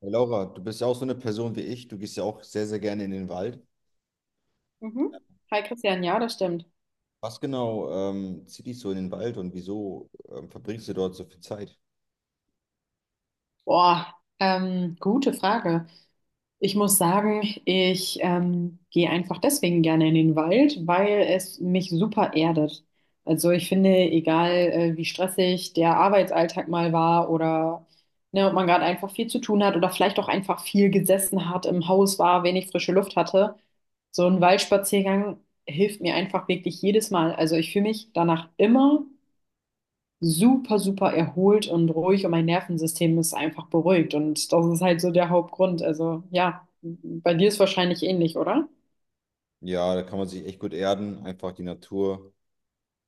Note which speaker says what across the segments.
Speaker 1: Hey Laura, du bist ja auch so eine Person wie ich. Du gehst ja auch sehr, sehr gerne in den Wald.
Speaker 2: Mhm. Hi Christian, ja, das stimmt.
Speaker 1: Was genau zieht dich so in den Wald und wieso verbringst du dort so viel Zeit?
Speaker 2: Boah, gute Frage. Ich muss sagen, ich gehe einfach deswegen gerne in den Wald, weil es mich super erdet. Also ich finde, egal wie stressig der Arbeitsalltag mal war, oder ne, ob man gerade einfach viel zu tun hat oder vielleicht auch einfach viel gesessen hat, im Haus war, wenig frische Luft hatte, so ein Waldspaziergang hilft mir einfach wirklich jedes Mal. Also ich fühle mich danach immer super, super erholt und ruhig und mein Nervensystem ist einfach beruhigt. Und das ist halt so der Hauptgrund. Also ja, bei dir ist wahrscheinlich ähnlich, oder?
Speaker 1: Ja, da kann man sich echt gut erden. Einfach die Natur,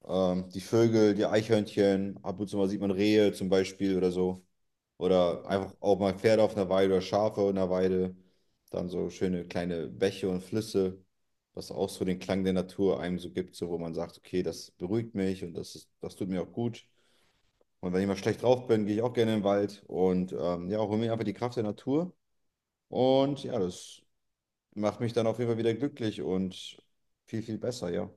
Speaker 1: die Vögel, die Eichhörnchen. Ab und zu mal sieht man Rehe zum Beispiel oder so. Oder einfach auch mal Pferde auf einer Weide oder Schafe in der Weide. Dann so schöne kleine Bäche und Flüsse, was auch so den Klang der Natur einem so gibt, so wo man sagt, okay, das beruhigt mich und das tut mir auch gut. Und wenn ich mal schlecht drauf bin, gehe ich auch gerne in den Wald und ja, hole mir einfach die Kraft der Natur. Und ja, das macht mich dann auf jeden Fall wieder glücklich und viel, viel besser, ja.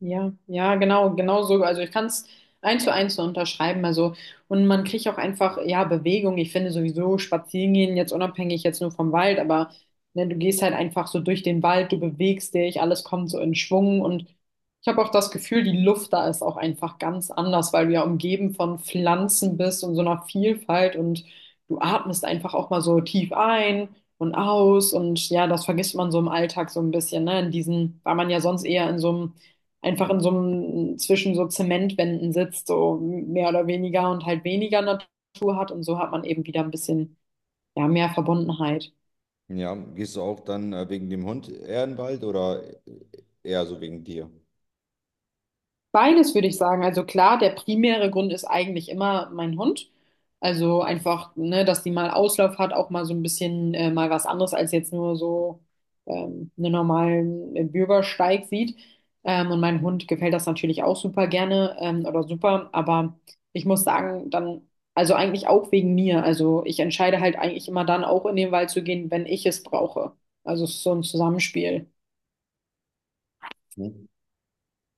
Speaker 2: Ja, ja, genau, genau so. Also ich kann es eins zu eins so unterschreiben. Also, und man kriegt auch einfach, ja, Bewegung. Ich finde sowieso spazieren gehen, jetzt unabhängig jetzt nur vom Wald, aber ne, du gehst halt einfach so durch den Wald, du bewegst dich, alles kommt so in Schwung. Und ich habe auch das Gefühl, die Luft da ist auch einfach ganz anders, weil du ja umgeben von Pflanzen bist und so einer Vielfalt und du atmest einfach auch mal so tief ein. Und aus und ja, das vergisst man so im Alltag so ein bisschen, ne? In diesen, weil man ja sonst eher in so einem, einfach in so einem, zwischen so Zementwänden sitzt, so mehr oder weniger und halt weniger Natur hat. Und so hat man eben wieder ein bisschen, ja, mehr Verbundenheit.
Speaker 1: Ja, gehst du auch dann wegen dem Hund eher in den Wald oder eher so wegen dir?
Speaker 2: Beides würde ich sagen. Also klar, der primäre Grund ist eigentlich immer mein Hund. Also einfach, ne, dass die mal Auslauf hat, auch mal so ein bisschen mal was anderes als jetzt nur so einen normalen Bürgersteig sieht. Und mein Hund gefällt das natürlich auch super gerne, oder super. Aber ich muss sagen, dann, also eigentlich auch wegen mir. Also ich entscheide halt eigentlich immer dann auch in den Wald zu gehen, wenn ich es brauche. Also es ist so ein Zusammenspiel.
Speaker 1: Hm?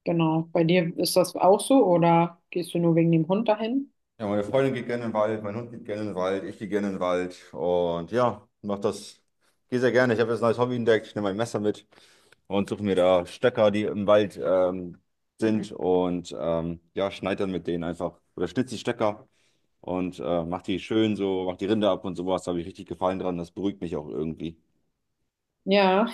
Speaker 2: Genau. Bei dir ist das auch so, oder gehst du nur wegen dem Hund dahin?
Speaker 1: Ja, meine Freundin geht gerne in den Wald, mein Hund geht gerne in den Wald, ich gehe gerne in den Wald. Und ja, mach das. Gehe sehr gerne. Ich habe jetzt ein neues Hobby entdeckt. Ich nehme mein Messer mit und suche mir da Stöcker, die im Wald sind. Und ja, schneide dann mit denen einfach. Oder schnitz die Stöcker und mach die schön so, mach die Rinde ab und sowas. Da habe ich richtig Gefallen dran. Das beruhigt mich auch irgendwie.
Speaker 2: Ja,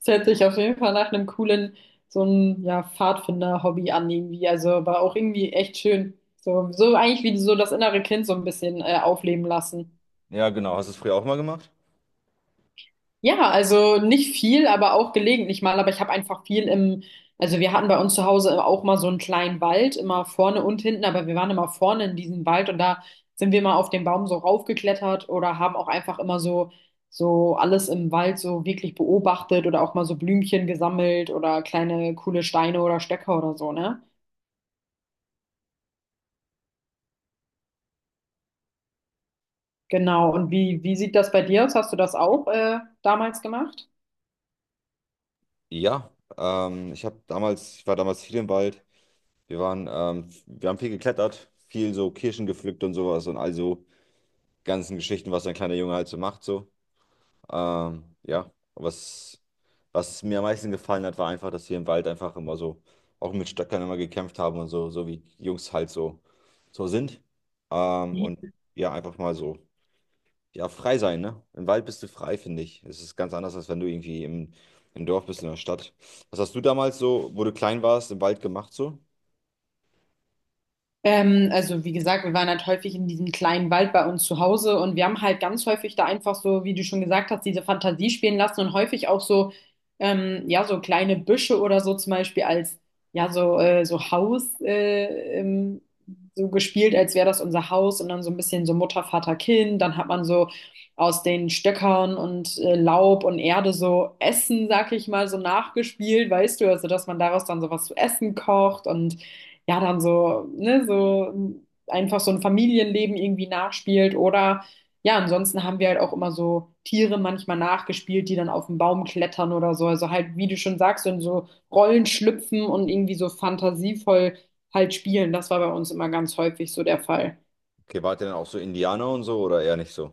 Speaker 2: es hört sich auf jeden Fall nach einem coolen, so ein ja, Pfadfinder-Hobby an irgendwie. Also, aber auch irgendwie echt schön. So, so eigentlich wie so das innere Kind so ein bisschen aufleben lassen.
Speaker 1: Ja, genau. Hast du es früher auch mal gemacht?
Speaker 2: Ja, also nicht viel, aber auch gelegentlich mal. Aber ich habe einfach viel im, also wir hatten bei uns zu Hause auch mal so einen kleinen Wald, immer vorne und hinten, aber wir waren immer vorne in diesem Wald und da sind wir mal auf den Baum so raufgeklettert oder haben auch einfach immer so, so alles im Wald so wirklich beobachtet oder auch mal so Blümchen gesammelt oder kleine coole Steine oder Stöcker oder so, ne? Genau. Und wie, wie sieht das bei dir aus? Hast du das auch damals gemacht?
Speaker 1: Ja, ich habe damals, ich war damals viel im Wald. Wir haben viel geklettert, viel so Kirschen gepflückt und sowas und also ganzen Geschichten, was ein kleiner Junge halt so macht, so. Ja, was mir am meisten gefallen hat, war einfach, dass wir im Wald einfach immer so, auch mit Stöckern immer gekämpft haben und so, so wie Jungs halt so, so sind. Und ja, einfach mal so, ja, frei sein, ne? Im Wald bist du frei, finde ich. Es ist ganz anders, als wenn du irgendwie im Dorf bist, in der Stadt. Was hast du damals so, wo du klein warst, im Wald gemacht so?
Speaker 2: Also wie gesagt, wir waren halt häufig in diesem kleinen Wald bei uns zu Hause und wir haben halt ganz häufig da einfach so, wie du schon gesagt hast, diese Fantasie spielen lassen und häufig auch so, ja, so kleine Büsche oder so zum Beispiel als, ja, so, so Haus, so gespielt, als wäre das unser Haus und dann so ein bisschen so Mutter, Vater, Kind. Dann hat man so aus den Stöckern und Laub und Erde so Essen, sag ich mal, so nachgespielt, weißt du, also dass man daraus dann sowas zu essen kocht und ja, dann so, ne, so einfach so ein Familienleben irgendwie nachspielt oder ja, ansonsten haben wir halt auch immer so Tiere manchmal nachgespielt, die dann auf den Baum klettern oder so. Also halt, wie du schon sagst, in so Rollen schlüpfen und irgendwie so fantasievoll halt spielen. Das war bei uns immer ganz häufig so der Fall.
Speaker 1: Okay, wart ihr dann auch so Indianer und so oder eher nicht so?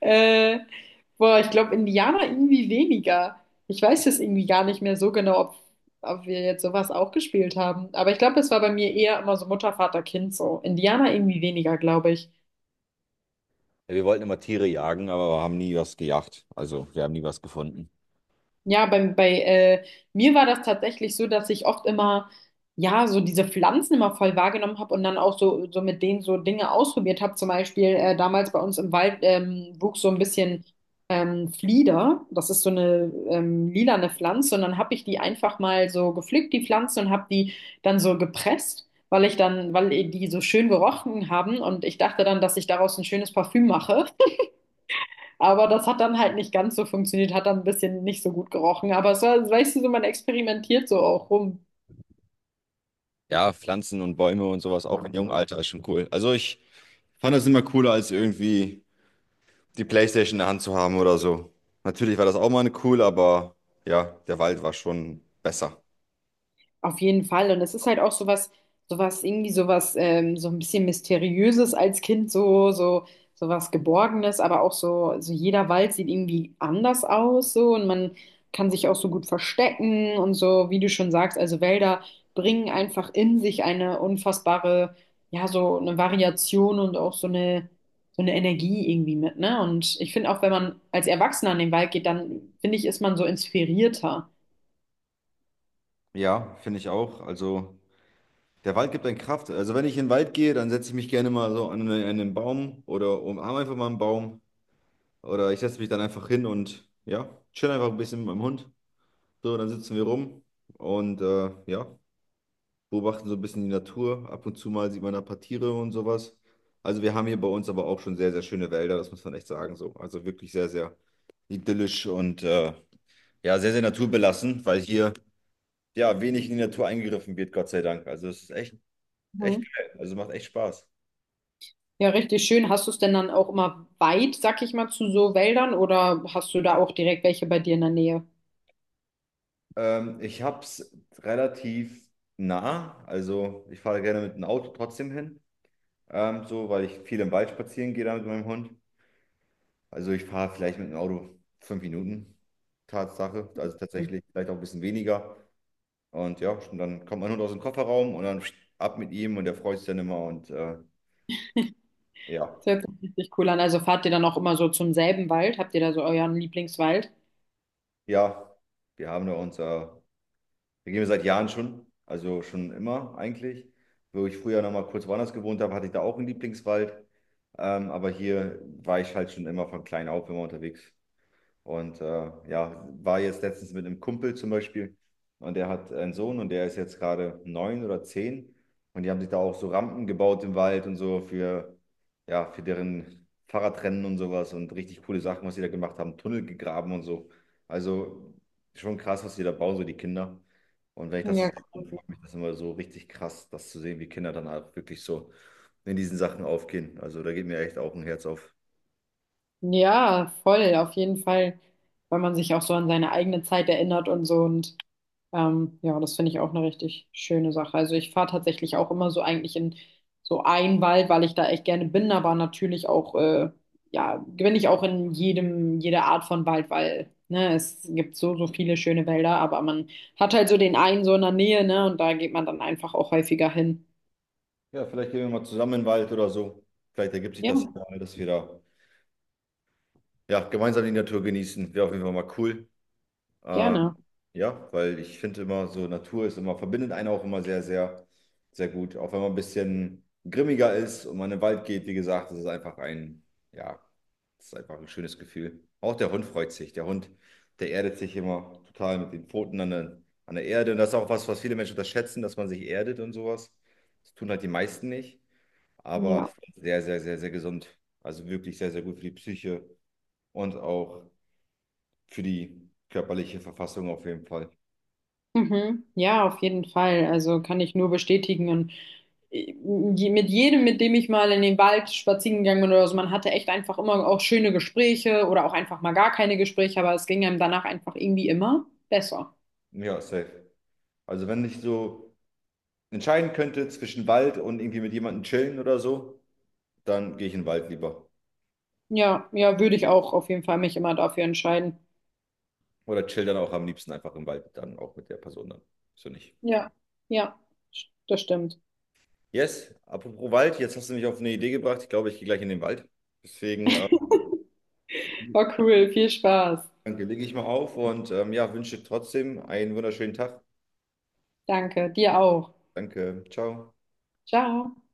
Speaker 2: Äh, Boah, ich glaube, Indianer irgendwie weniger. Ich weiß jetzt irgendwie gar nicht mehr so genau, ob, ob wir jetzt sowas auch gespielt haben. Aber ich glaube, es war bei mir eher immer so Mutter, Vater, Kind so. Indianer irgendwie weniger, glaube ich.
Speaker 1: Ja, wir wollten immer Tiere jagen, aber wir haben nie was gejagt. Also wir haben nie was gefunden.
Speaker 2: Ja, bei, bei mir war das tatsächlich so, dass ich oft immer, ja, so diese Pflanzen immer voll wahrgenommen habe und dann auch so, so mit denen so Dinge ausprobiert habe. Zum Beispiel damals bei uns im Wald, wuchs so ein bisschen Flieder. Das ist so eine lilane Pflanze und dann habe ich die einfach mal so gepflückt, die Pflanze, und habe die dann so gepresst. Weil ich dann, weil die so schön gerochen haben und ich dachte dann, dass ich daraus ein schönes Parfüm mache. Aber das hat dann halt nicht ganz so funktioniert, hat dann ein bisschen nicht so gut gerochen. Aber es war, weißt du, so man experimentiert so auch rum.
Speaker 1: Ja, Pflanzen und Bäume und sowas auch im jungen Alter ist schon cool. Also ich fand das immer cooler, als irgendwie die PlayStation in der Hand zu haben oder so. Natürlich war das auch mal cool, aber ja, der Wald war schon besser.
Speaker 2: Auf jeden Fall. Und es ist halt auch sowas, sowas, irgendwie sowas, so ein bisschen Mysteriöses als Kind, so, so, sowas Geborgenes, aber auch so, so jeder Wald sieht irgendwie anders aus, so, und man kann sich auch so gut verstecken und so, wie du schon sagst, also Wälder bringen einfach in sich eine unfassbare, ja, so eine Variation und auch so eine Energie irgendwie mit, ne? Und ich finde auch, wenn man als Erwachsener in den Wald geht, dann finde ich, ist man so inspirierter.
Speaker 1: Ja, finde ich auch. Also der Wald gibt einen Kraft. Also wenn ich in den Wald gehe, dann setze ich mich gerne mal so an an einen Baum oder umarme einfach mal einen Baum. Oder ich setze mich dann einfach hin und ja, chill einfach ein bisschen mit meinem Hund. So, dann sitzen wir rum und ja, beobachten so ein bisschen die Natur. Ab und zu mal sieht man da ein paar Tiere und sowas. Also wir haben hier bei uns aber auch schon sehr, sehr schöne Wälder, das muss man echt sagen so. Also wirklich sehr, sehr idyllisch und ja, sehr, sehr naturbelassen, weil hier ja wenig in die Natur eingegriffen wird, Gott sei Dank. Also es ist echt, echt geil. Also macht echt Spaß.
Speaker 2: Ja, richtig schön. Hast du es denn dann auch immer weit, sag ich mal, zu so Wäldern, oder hast du da auch direkt welche bei dir in der Nähe?
Speaker 1: Ich habe es relativ nah, also ich fahre gerne mit dem Auto trotzdem hin, so, weil ich viel im Wald spazieren gehe da mit meinem Hund. Also ich fahre vielleicht mit dem Auto 5 Minuten, Tatsache. Also
Speaker 2: Das
Speaker 1: tatsächlich vielleicht auch ein bisschen weniger. Und ja, und dann kommt mein Hund aus dem Kofferraum und dann ab mit ihm und der freut sich dann immer. Und ja,
Speaker 2: hört sich richtig cool an. Also fahrt ihr dann auch immer so zum selben Wald? Habt ihr da so euren Lieblingswald?
Speaker 1: ja, wir haben da unser, wir gehen wir seit Jahren schon, also schon immer eigentlich. Wo ich früher noch mal kurz woanders gewohnt habe, hatte ich da auch einen Lieblingswald. Aber hier war ich halt schon immer von klein auf immer unterwegs. Und ja, war jetzt letztens mit einem Kumpel zum Beispiel und der hat einen Sohn und der ist jetzt gerade 9 oder 10 und die haben sich da auch so Rampen gebaut im Wald und so für, ja, für deren Fahrradrennen und sowas und richtig coole Sachen, was sie da gemacht haben, Tunnel gegraben und so. Also schon krass, was die da bauen, so die Kinder. Und wenn ich das so
Speaker 2: Ja,
Speaker 1: sehe, dann
Speaker 2: cool.
Speaker 1: freut mich das immer so richtig krass, das zu sehen, wie Kinder dann halt wirklich so in diesen Sachen aufgehen. Also da geht mir echt auch ein Herz auf.
Speaker 2: Ja, voll, auf jeden Fall, weil man sich auch so an seine eigene Zeit erinnert und so und ja, das finde ich auch eine richtig schöne Sache. Also ich fahre tatsächlich auch immer so eigentlich in so einen Wald, weil ich da echt gerne bin, aber natürlich auch, ja, bin ich auch in jedem, jeder Art von Wald, weil, ne, es gibt so, so viele schöne Wälder, aber man hat halt so den einen so in der Nähe, ne, und da geht man dann einfach auch häufiger hin.
Speaker 1: Ja, vielleicht gehen wir mal zusammen in den Wald oder so. Vielleicht ergibt sich
Speaker 2: Ja,
Speaker 1: das ja mal, dass wir da ja, gemeinsam die Natur genießen. Wäre auf jeden Fall mal cool. Äh,
Speaker 2: gerne.
Speaker 1: ja, weil ich finde immer so, Natur ist immer, verbindet einen auch immer sehr, sehr, sehr gut. Auch wenn man ein bisschen grimmiger ist und man in den Wald geht, wie gesagt, das ist einfach ein, ja, das ist einfach ein schönes Gefühl. Auch der Hund freut sich. Der Hund, der erdet sich immer total mit den Pfoten an an der Erde. Und das ist auch was, was viele Menschen unterschätzen, dass man sich erdet und sowas. Das tun halt die meisten nicht, aber es
Speaker 2: Ja.
Speaker 1: ist sehr, sehr, sehr, sehr gesund. Also wirklich sehr, sehr gut für die Psyche und auch für die körperliche Verfassung auf jeden Fall.
Speaker 2: Mhm. Ja, auf jeden Fall. Also kann ich nur bestätigen. Und mit jedem, mit dem ich mal in den Wald spazieren gegangen bin oder so, man hatte echt einfach immer auch schöne Gespräche oder auch einfach mal gar keine Gespräche, aber es ging einem danach einfach irgendwie immer besser.
Speaker 1: Ja, safe. Also wenn ich so entscheiden könnte zwischen Wald und irgendwie mit jemandem chillen oder so, dann gehe ich in den Wald lieber.
Speaker 2: Ja, ja, würde ich auch auf jeden Fall mich immer dafür entscheiden.
Speaker 1: Oder chill dann auch am liebsten einfach im Wald, dann auch mit der Person dann. So nicht.
Speaker 2: Ja, ja, das stimmt.
Speaker 1: Yes, apropos Wald, jetzt hast du mich auf eine Idee gebracht. Ich glaube, ich gehe gleich in den Wald. Deswegen
Speaker 2: War cool, viel Spaß.
Speaker 1: danke, lege ich mal auf und ja, wünsche trotzdem einen wunderschönen Tag.
Speaker 2: Danke, dir auch.
Speaker 1: Danke, ciao.
Speaker 2: Ciao.